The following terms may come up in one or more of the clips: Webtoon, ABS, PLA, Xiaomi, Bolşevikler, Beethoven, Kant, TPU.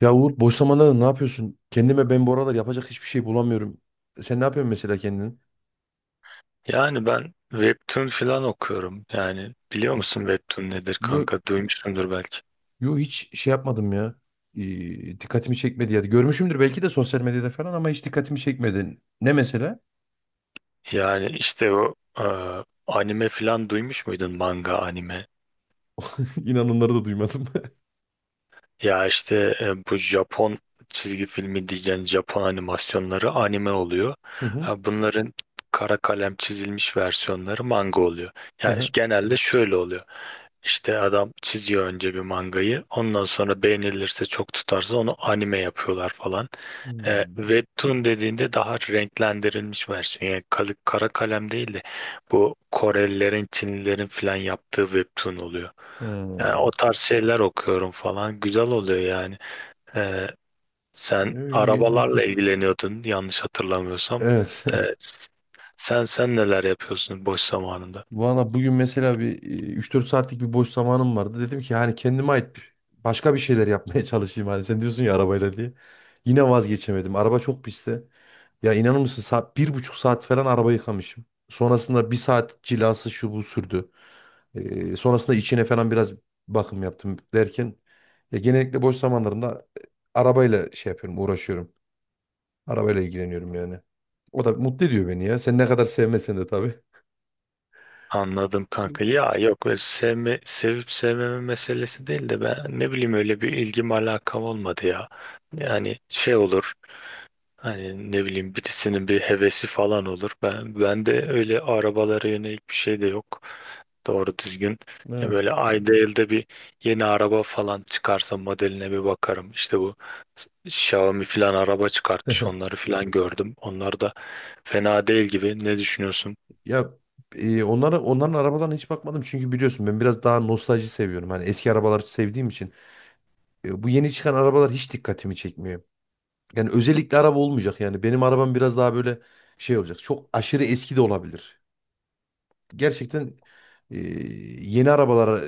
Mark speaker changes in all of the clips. Speaker 1: Ya Uğur, boş zamanlarda ne yapıyorsun? Kendime ben bu aralar yapacak hiçbir şey bulamıyorum. Sen ne yapıyorsun mesela kendin?
Speaker 2: Yani ben Webtoon falan okuyorum. Yani biliyor musun Webtoon nedir
Speaker 1: Yo,
Speaker 2: kanka? Duymuşsundur belki.
Speaker 1: yo hiç şey yapmadım ya. Dikkatimi çekmedi ya. Görmüşümdür belki de sosyal medyada falan ama hiç dikkatimi çekmedi. Ne mesela?
Speaker 2: Yani işte o anime falan duymuş muydun? Manga, anime.
Speaker 1: İnan onları da duymadım.
Speaker 2: Ya işte bu Japon çizgi filmi diyeceğin Japon animasyonları anime oluyor.
Speaker 1: Hı hı.
Speaker 2: Ha, bunların kara kalem çizilmiş versiyonları manga oluyor.
Speaker 1: Hı
Speaker 2: Ya
Speaker 1: hı.
Speaker 2: işte genelde şöyle oluyor. İşte adam çiziyor önce bir mangayı. Ondan sonra beğenilirse çok tutarsa onu anime yapıyorlar falan.
Speaker 1: Hmm.
Speaker 2: Webtoon dediğinde daha renklendirilmiş versiyon. Yani kara kalem değil de bu Korelilerin, Çinlilerin falan yaptığı webtoon oluyor. Yani
Speaker 1: Hmm.
Speaker 2: o tarz şeyler okuyorum falan. Güzel oluyor yani. Ee, sen arabalarla
Speaker 1: Ee,
Speaker 2: ilgileniyordun yanlış hatırlamıyorsam.
Speaker 1: Evet.
Speaker 2: Ee, sen neler yapıyorsun boş zamanında?
Speaker 1: Valla bugün mesela bir 3-4 saatlik bir boş zamanım vardı. Dedim ki hani başka bir şeyler yapmaya çalışayım. Hani sen diyorsun ya arabayla diye. Yine vazgeçemedim. Araba çok pisti. Ya inanır mısın saat, 1,5 saat falan araba yıkamışım. Sonrasında bir saat cilası şu bu sürdü. Sonrasında içine falan biraz bakım yaptım derken ya genellikle boş zamanlarımda arabayla şey yapıyorum, uğraşıyorum. Arabayla ilgileniyorum yani. O da mutlu ediyor beni ya. Sen ne kadar sevmesen de tabii.
Speaker 2: Anladım kanka. Ya yok, öyle sevme, sevip sevmeme meselesi değil de ben ne bileyim, öyle bir ilgim alakam olmadı ya. Yani şey olur. Hani ne bileyim, birisinin bir hevesi falan olur. Ben de öyle arabalara yönelik bir şey de yok. Doğru düzgün. Ya
Speaker 1: Evet.
Speaker 2: böyle ayda elde bir yeni araba falan çıkarsa modeline bir bakarım. İşte bu Xiaomi falan araba çıkartmış. Onları falan gördüm. Onlar da fena değil gibi. Ne düşünüyorsun?
Speaker 1: Ya onlara, onların arabalarına hiç bakmadım çünkü biliyorsun ben biraz daha nostalji seviyorum. Hani eski arabaları sevdiğim için bu yeni çıkan arabalar hiç dikkatimi çekmiyor. Yani özellikle araba olmayacak, yani benim arabam biraz daha böyle şey olacak. Çok aşırı eski de olabilir. Gerçekten e, yeni arabalara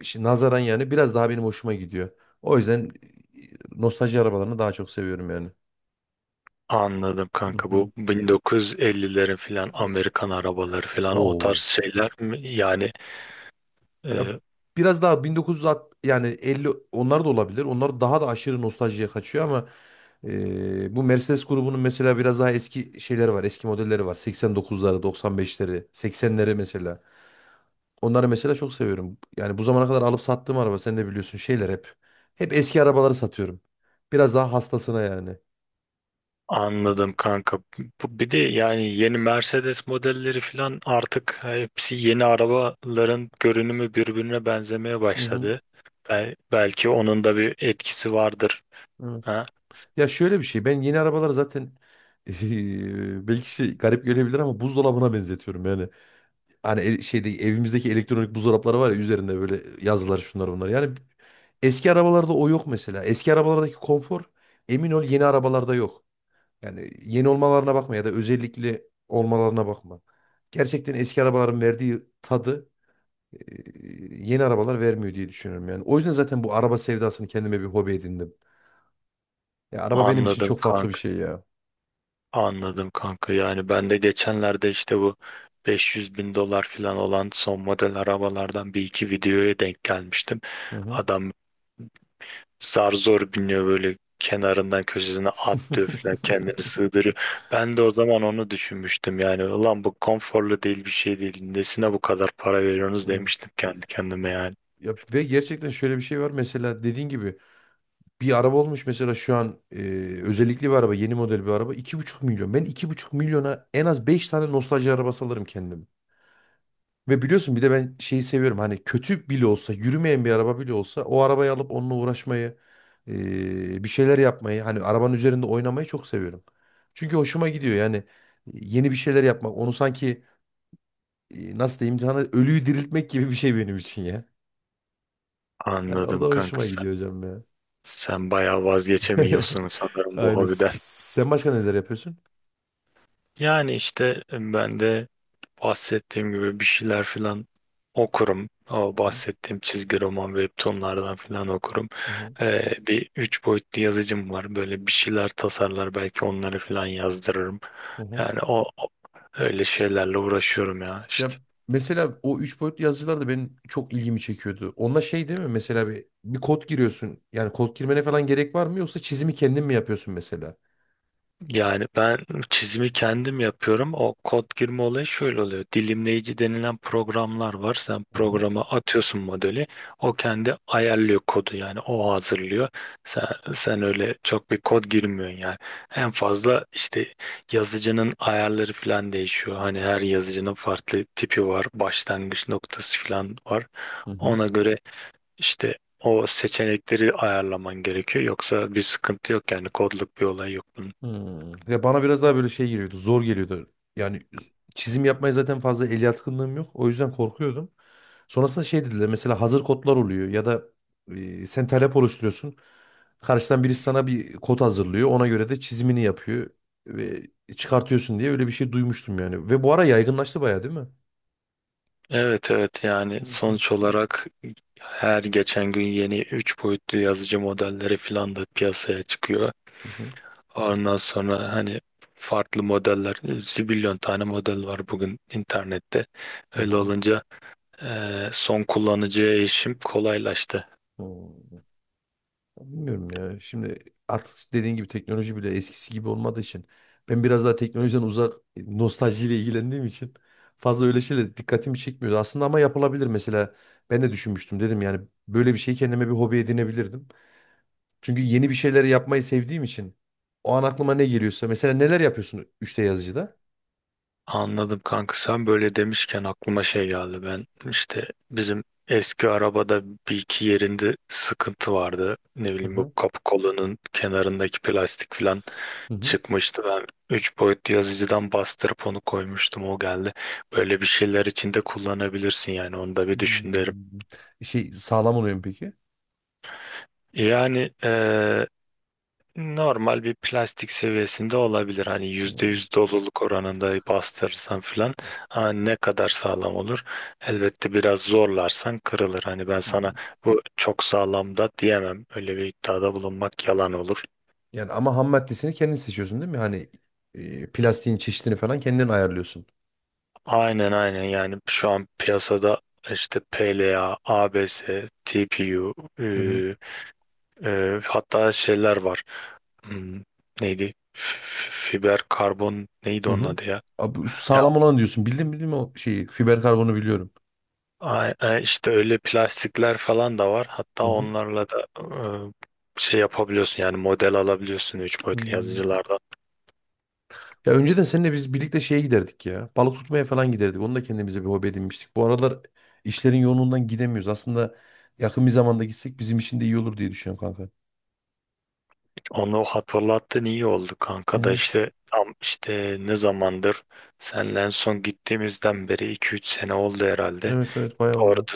Speaker 1: nazaran yani biraz daha benim hoşuma gidiyor. O yüzden nostalji arabalarını daha çok seviyorum yani.
Speaker 2: Anladım kanka,
Speaker 1: Hı
Speaker 2: bu 1950'lerin filan Amerikan arabaları filan o
Speaker 1: hı.
Speaker 2: tarz şeyler mi? Yani
Speaker 1: Ya
Speaker 2: e,
Speaker 1: biraz daha 1960, yani 50, onlar da olabilir. Onlar daha da aşırı nostaljiye kaçıyor ama bu Mercedes grubunun mesela biraz daha eski şeyleri var. Eski modelleri var. 89'ları, 95'leri, 80'leri mesela. Onları mesela çok seviyorum. Yani bu zamana kadar alıp sattığım araba, sen de biliyorsun, şeyler hep. Hep eski arabaları satıyorum. Biraz daha hastasına yani.
Speaker 2: Anladım kanka. Bu bir de yani, yeni Mercedes modelleri falan artık, hepsi yeni arabaların görünümü birbirine benzemeye
Speaker 1: Hı hı.
Speaker 2: başladı. Belki onun da bir etkisi vardır.
Speaker 1: Evet.
Speaker 2: Ha?
Speaker 1: Ya şöyle bir şey, ben yeni arabaları zaten belki şey garip gelebilir ama buzdolabına benzetiyorum yani. Hani şeyde, evimizdeki elektronik buzdolapları var ya, üzerinde böyle yazılar, şunlar bunlar. Yani eski arabalarda o yok mesela. Eski arabalardaki konfor, emin ol yeni arabalarda yok. Yani yeni olmalarına bakma ya da özellikli olmalarına bakma. Gerçekten eski arabaların verdiği tadı e, yeni arabalar vermiyor diye düşünüyorum yani. O yüzden zaten bu araba sevdasını kendime bir hobi edindim. Ya araba benim için
Speaker 2: Anladım
Speaker 1: çok farklı bir
Speaker 2: kanka.
Speaker 1: şey ya.
Speaker 2: Anladım kanka. Yani ben de geçenlerde işte bu 500 bin dolar falan olan son model arabalardan bir iki videoya denk gelmiştim.
Speaker 1: Hı hı.
Speaker 2: Adam zar zor biniyor, böyle kenarından köşesine atlıyor falan, kendini sığdırıyor. Ben de o zaman onu düşünmüştüm, yani ulan bu konforlu değil, bir şey değil, nesine bu kadar para veriyorsunuz,
Speaker 1: Evet.
Speaker 2: demiştim kendi kendime yani.
Speaker 1: Ya, ve gerçekten şöyle bir şey var, mesela dediğin gibi bir araba olmuş mesela şu an, özellikli bir araba, yeni model bir araba, 2,5 milyon. Ben 2,5 milyona en az 5 tane nostalji arabası alırım kendime. Ve biliyorsun bir de ben şeyi seviyorum, hani kötü bile olsa, yürümeyen bir araba bile olsa o arabayı alıp onunla uğraşmayı, bir şeyler yapmayı, hani arabanın üzerinde oynamayı çok seviyorum. Çünkü hoşuma gidiyor yani, yeni bir şeyler yapmak, onu sanki, nasıl diyeyim sana, ölüyü diriltmek gibi bir şey benim için ya. Yani o da
Speaker 2: Anladım kanka
Speaker 1: hoşuma
Speaker 2: sen,
Speaker 1: gidiyor hocam ya.
Speaker 2: sen bayağı vazgeçemiyorsun sanırım bu
Speaker 1: Aynen.
Speaker 2: hobiden.
Speaker 1: Sen başka neler yapıyorsun?
Speaker 2: Yani işte ben de bahsettiğim gibi bir şeyler filan okurum. O bahsettiğim çizgi roman, webtoonlardan filan okurum.
Speaker 1: Hı hı.
Speaker 2: Bir üç boyutlu yazıcım var. Böyle bir şeyler tasarlar, belki onları filan yazdırırım.
Speaker 1: Hı hı.
Speaker 2: Yani öyle şeylerle uğraşıyorum ya. İşte.
Speaker 1: Ya mesela o üç boyutlu yazıcılar da benim çok ilgimi çekiyordu. Onda şey değil mi? Mesela bir kod giriyorsun. Yani kod girmene falan gerek var mı? Yoksa çizimi kendin mi yapıyorsun mesela?
Speaker 2: Yani ben çizimi kendim yapıyorum. O kod girme olayı şöyle oluyor. Dilimleyici denilen programlar var. Sen
Speaker 1: Hı hı.
Speaker 2: programa atıyorsun modeli. O kendi ayarlıyor kodu, yani o hazırlıyor. Sen, sen öyle çok bir kod girmiyorsun yani. En fazla işte yazıcının ayarları falan değişiyor. Hani her yazıcının farklı tipi var. Başlangıç noktası falan var.
Speaker 1: Hı hı.
Speaker 2: Ona göre işte o seçenekleri ayarlaman gerekiyor. Yoksa bir sıkıntı yok, yani kodluk bir olay yok bunun.
Speaker 1: Hmm. Ya bana biraz daha böyle şey geliyordu. Zor geliyordu. Yani çizim yapmaya zaten fazla el yatkınlığım yok. O yüzden korkuyordum. Sonrasında şey dediler, mesela hazır kodlar oluyor ya da sen talep oluşturuyorsun. Karşıdan birisi sana bir kod hazırlıyor. Ona göre de çizimini yapıyor ve çıkartıyorsun diye öyle bir şey duymuştum yani. Ve bu ara yaygınlaştı bayağı, değil mi?
Speaker 2: Evet, evet, yani
Speaker 1: Hı hı,
Speaker 2: sonuç olarak her geçen gün yeni 3 boyutlu yazıcı modelleri falan da piyasaya çıkıyor.
Speaker 1: hı hı,
Speaker 2: Ondan sonra hani farklı modeller, zibilyon tane model var bugün internette.
Speaker 1: hı
Speaker 2: Öyle
Speaker 1: hı.
Speaker 2: olunca son kullanıcıya erişim kolaylaştı.
Speaker 1: Bilmiyorum ya. Şimdi artık dediğin gibi teknoloji bile eskisi gibi olmadığı için, ben biraz daha teknolojiden uzak nostaljiyle ilgilendiğim için fazla öyle şeyle dikkatimi çekmiyor. Aslında ama yapılabilir mesela. Ben de düşünmüştüm, dedim yani böyle bir şeyi kendime bir hobi edinebilirdim. Çünkü yeni bir şeyleri yapmayı sevdiğim için, o an aklıma ne geliyorsa mesela, neler yapıyorsun 3D yazıcıda?
Speaker 2: Anladım kanka, sen böyle demişken aklıma şey geldi. Ben işte bizim eski arabada bir iki yerinde sıkıntı vardı. Ne
Speaker 1: Hı
Speaker 2: bileyim, bu
Speaker 1: hı.
Speaker 2: kapı kolunun kenarındaki plastik falan
Speaker 1: Hı hı.
Speaker 2: çıkmıştı. Ben 3 boyutlu yazıcıdan bastırıp onu koymuştum. O geldi. Böyle bir şeyler içinde kullanabilirsin, yani onu da bir düşün derim.
Speaker 1: Hmm. Şey sağlam oluyor mu peki?
Speaker 2: Yani normal bir plastik seviyesinde olabilir. Hani %100 doluluk oranında bastırırsan filan, ha, ne kadar sağlam olur? Elbette biraz zorlarsan kırılır. Hani ben sana
Speaker 1: Hmm.
Speaker 2: bu çok sağlam da diyemem. Öyle bir iddiada bulunmak yalan olur.
Speaker 1: Yani ama ham maddesini kendin seçiyorsun değil mi? Hani plastiğin çeşidini falan kendin ayarlıyorsun.
Speaker 2: Aynen, aynen, yani şu an piyasada işte PLA, ABS, TPU, e,
Speaker 1: Hı hı.
Speaker 2: hatta şeyler var. Hmm, neydi? Fiber karbon neydi
Speaker 1: Hı
Speaker 2: onun
Speaker 1: hı.
Speaker 2: adı ya?
Speaker 1: Abi, bu
Speaker 2: Ya
Speaker 1: sağlam olanı diyorsun. Bildim bildim o şeyi. Fiber karbonu biliyorum.
Speaker 2: işte öyle plastikler falan da var. Hatta
Speaker 1: Hı hı.
Speaker 2: onlarla da şey yapabiliyorsun, yani model alabiliyorsun 3 boyutlu
Speaker 1: Hmm.
Speaker 2: yazıcılardan.
Speaker 1: Ya önceden seninle biz birlikte şeye giderdik ya. Balık tutmaya falan giderdik. Onu da kendimize bir hobi edinmiştik. Bu aralar işlerin yoğunluğundan gidemiyoruz. Aslında yakın bir zamanda gitsek bizim için de iyi olur diye düşünüyorum kanka.
Speaker 2: Onu hatırlattın, iyi oldu
Speaker 1: Hı
Speaker 2: kanka, da
Speaker 1: hı.
Speaker 2: işte tam işte ne zamandır, senle en son gittiğimizden beri 2-3 sene oldu herhalde.
Speaker 1: Evet, evet, bayağı oldu.
Speaker 2: Orada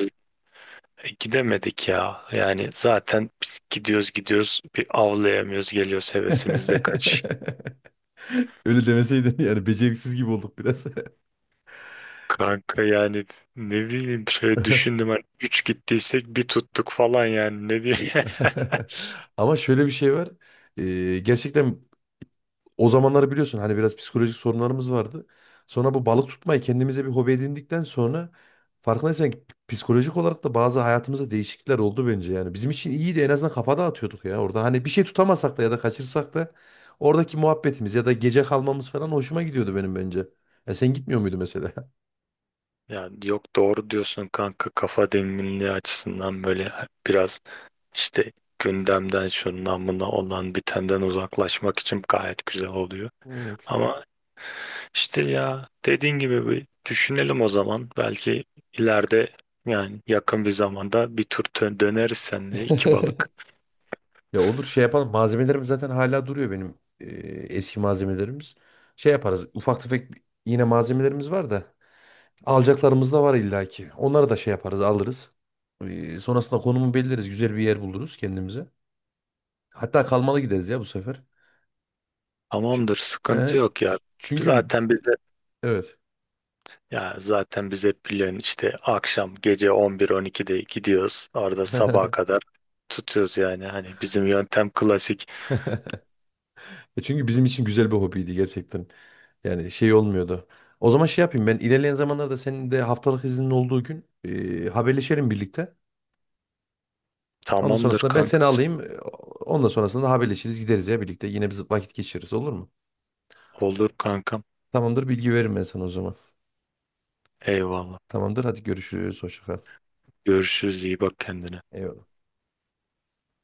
Speaker 2: gidemedik ya. Yani zaten biz gidiyoruz, gidiyoruz, bir avlayamıyoruz, geliyoruz, hevesimiz de kaç.
Speaker 1: Öyle demeseydin, yani beceriksiz gibi olduk biraz.
Speaker 2: Kanka yani ne bileyim, şöyle düşündüm, hani 3 gittiysek bir tuttuk falan, yani ne diyeyim.
Speaker 1: Ama şöyle bir şey var. Gerçekten o zamanları biliyorsun, hani biraz psikolojik sorunlarımız vardı. Sonra bu balık tutmayı kendimize bir hobi edindikten sonra, farkındaysan ki psikolojik olarak da bazı hayatımızda değişiklikler oldu bence yani. Bizim için iyiydi, en azından kafa dağıtıyorduk ya orada. Hani bir şey tutamasak da ya da kaçırsak da, oradaki muhabbetimiz ya da gece kalmamız falan hoşuma gidiyordu benim bence. Ya sen gitmiyor muydu mesela?
Speaker 2: Yani yok, doğru diyorsun kanka, kafa dinginliği açısından böyle biraz işte gündemden, şundan buna, olan bitenden uzaklaşmak için gayet güzel oluyor.
Speaker 1: Evet.
Speaker 2: Ama İşte ya dediğin gibi, bir düşünelim o zaman. Belki ileride, yani yakın bir zamanda bir tur döneriz seninle iki balık.
Speaker 1: Ya olur, şey yapalım. Malzemelerim zaten hala duruyor benim, eski malzemelerimiz. Şey yaparız. Ufak tefek yine malzemelerimiz var da. Alacaklarımız da var illaki. Onları da şey yaparız, alırız. E, sonrasında konumu belirleriz. Güzel bir yer buluruz kendimize. Hatta kalmalı gideriz ya bu sefer. Çünkü,
Speaker 2: Tamamdır, sıkıntı yok ya.
Speaker 1: çünkü bi-
Speaker 2: Zaten bize
Speaker 1: evet.
Speaker 2: zaten biz hep biliyorsun işte akşam gece 11-12'de gidiyoruz. Orada sabaha kadar tutuyoruz yani. Hani bizim yöntem klasik.
Speaker 1: Çünkü bizim için güzel bir hobiydi gerçekten. Yani şey olmuyordu. O zaman şey yapayım, ben ilerleyen zamanlarda senin de haftalık iznin olduğu gün haberleşelim birlikte. Onun
Speaker 2: Tamamdır
Speaker 1: sonrasında ben seni
Speaker 2: kankası.
Speaker 1: alayım. Ondan sonrasında da haberleşiriz, gideriz ya birlikte. Yine biz vakit geçiririz, olur mu?
Speaker 2: Olur kankam.
Speaker 1: Tamamdır, bilgi veririm ben sana o zaman.
Speaker 2: Eyvallah.
Speaker 1: Tamamdır, hadi görüşürüz. Hoşça kal.
Speaker 2: Görüşürüz, iyi bak kendine.
Speaker 1: Eyvallah.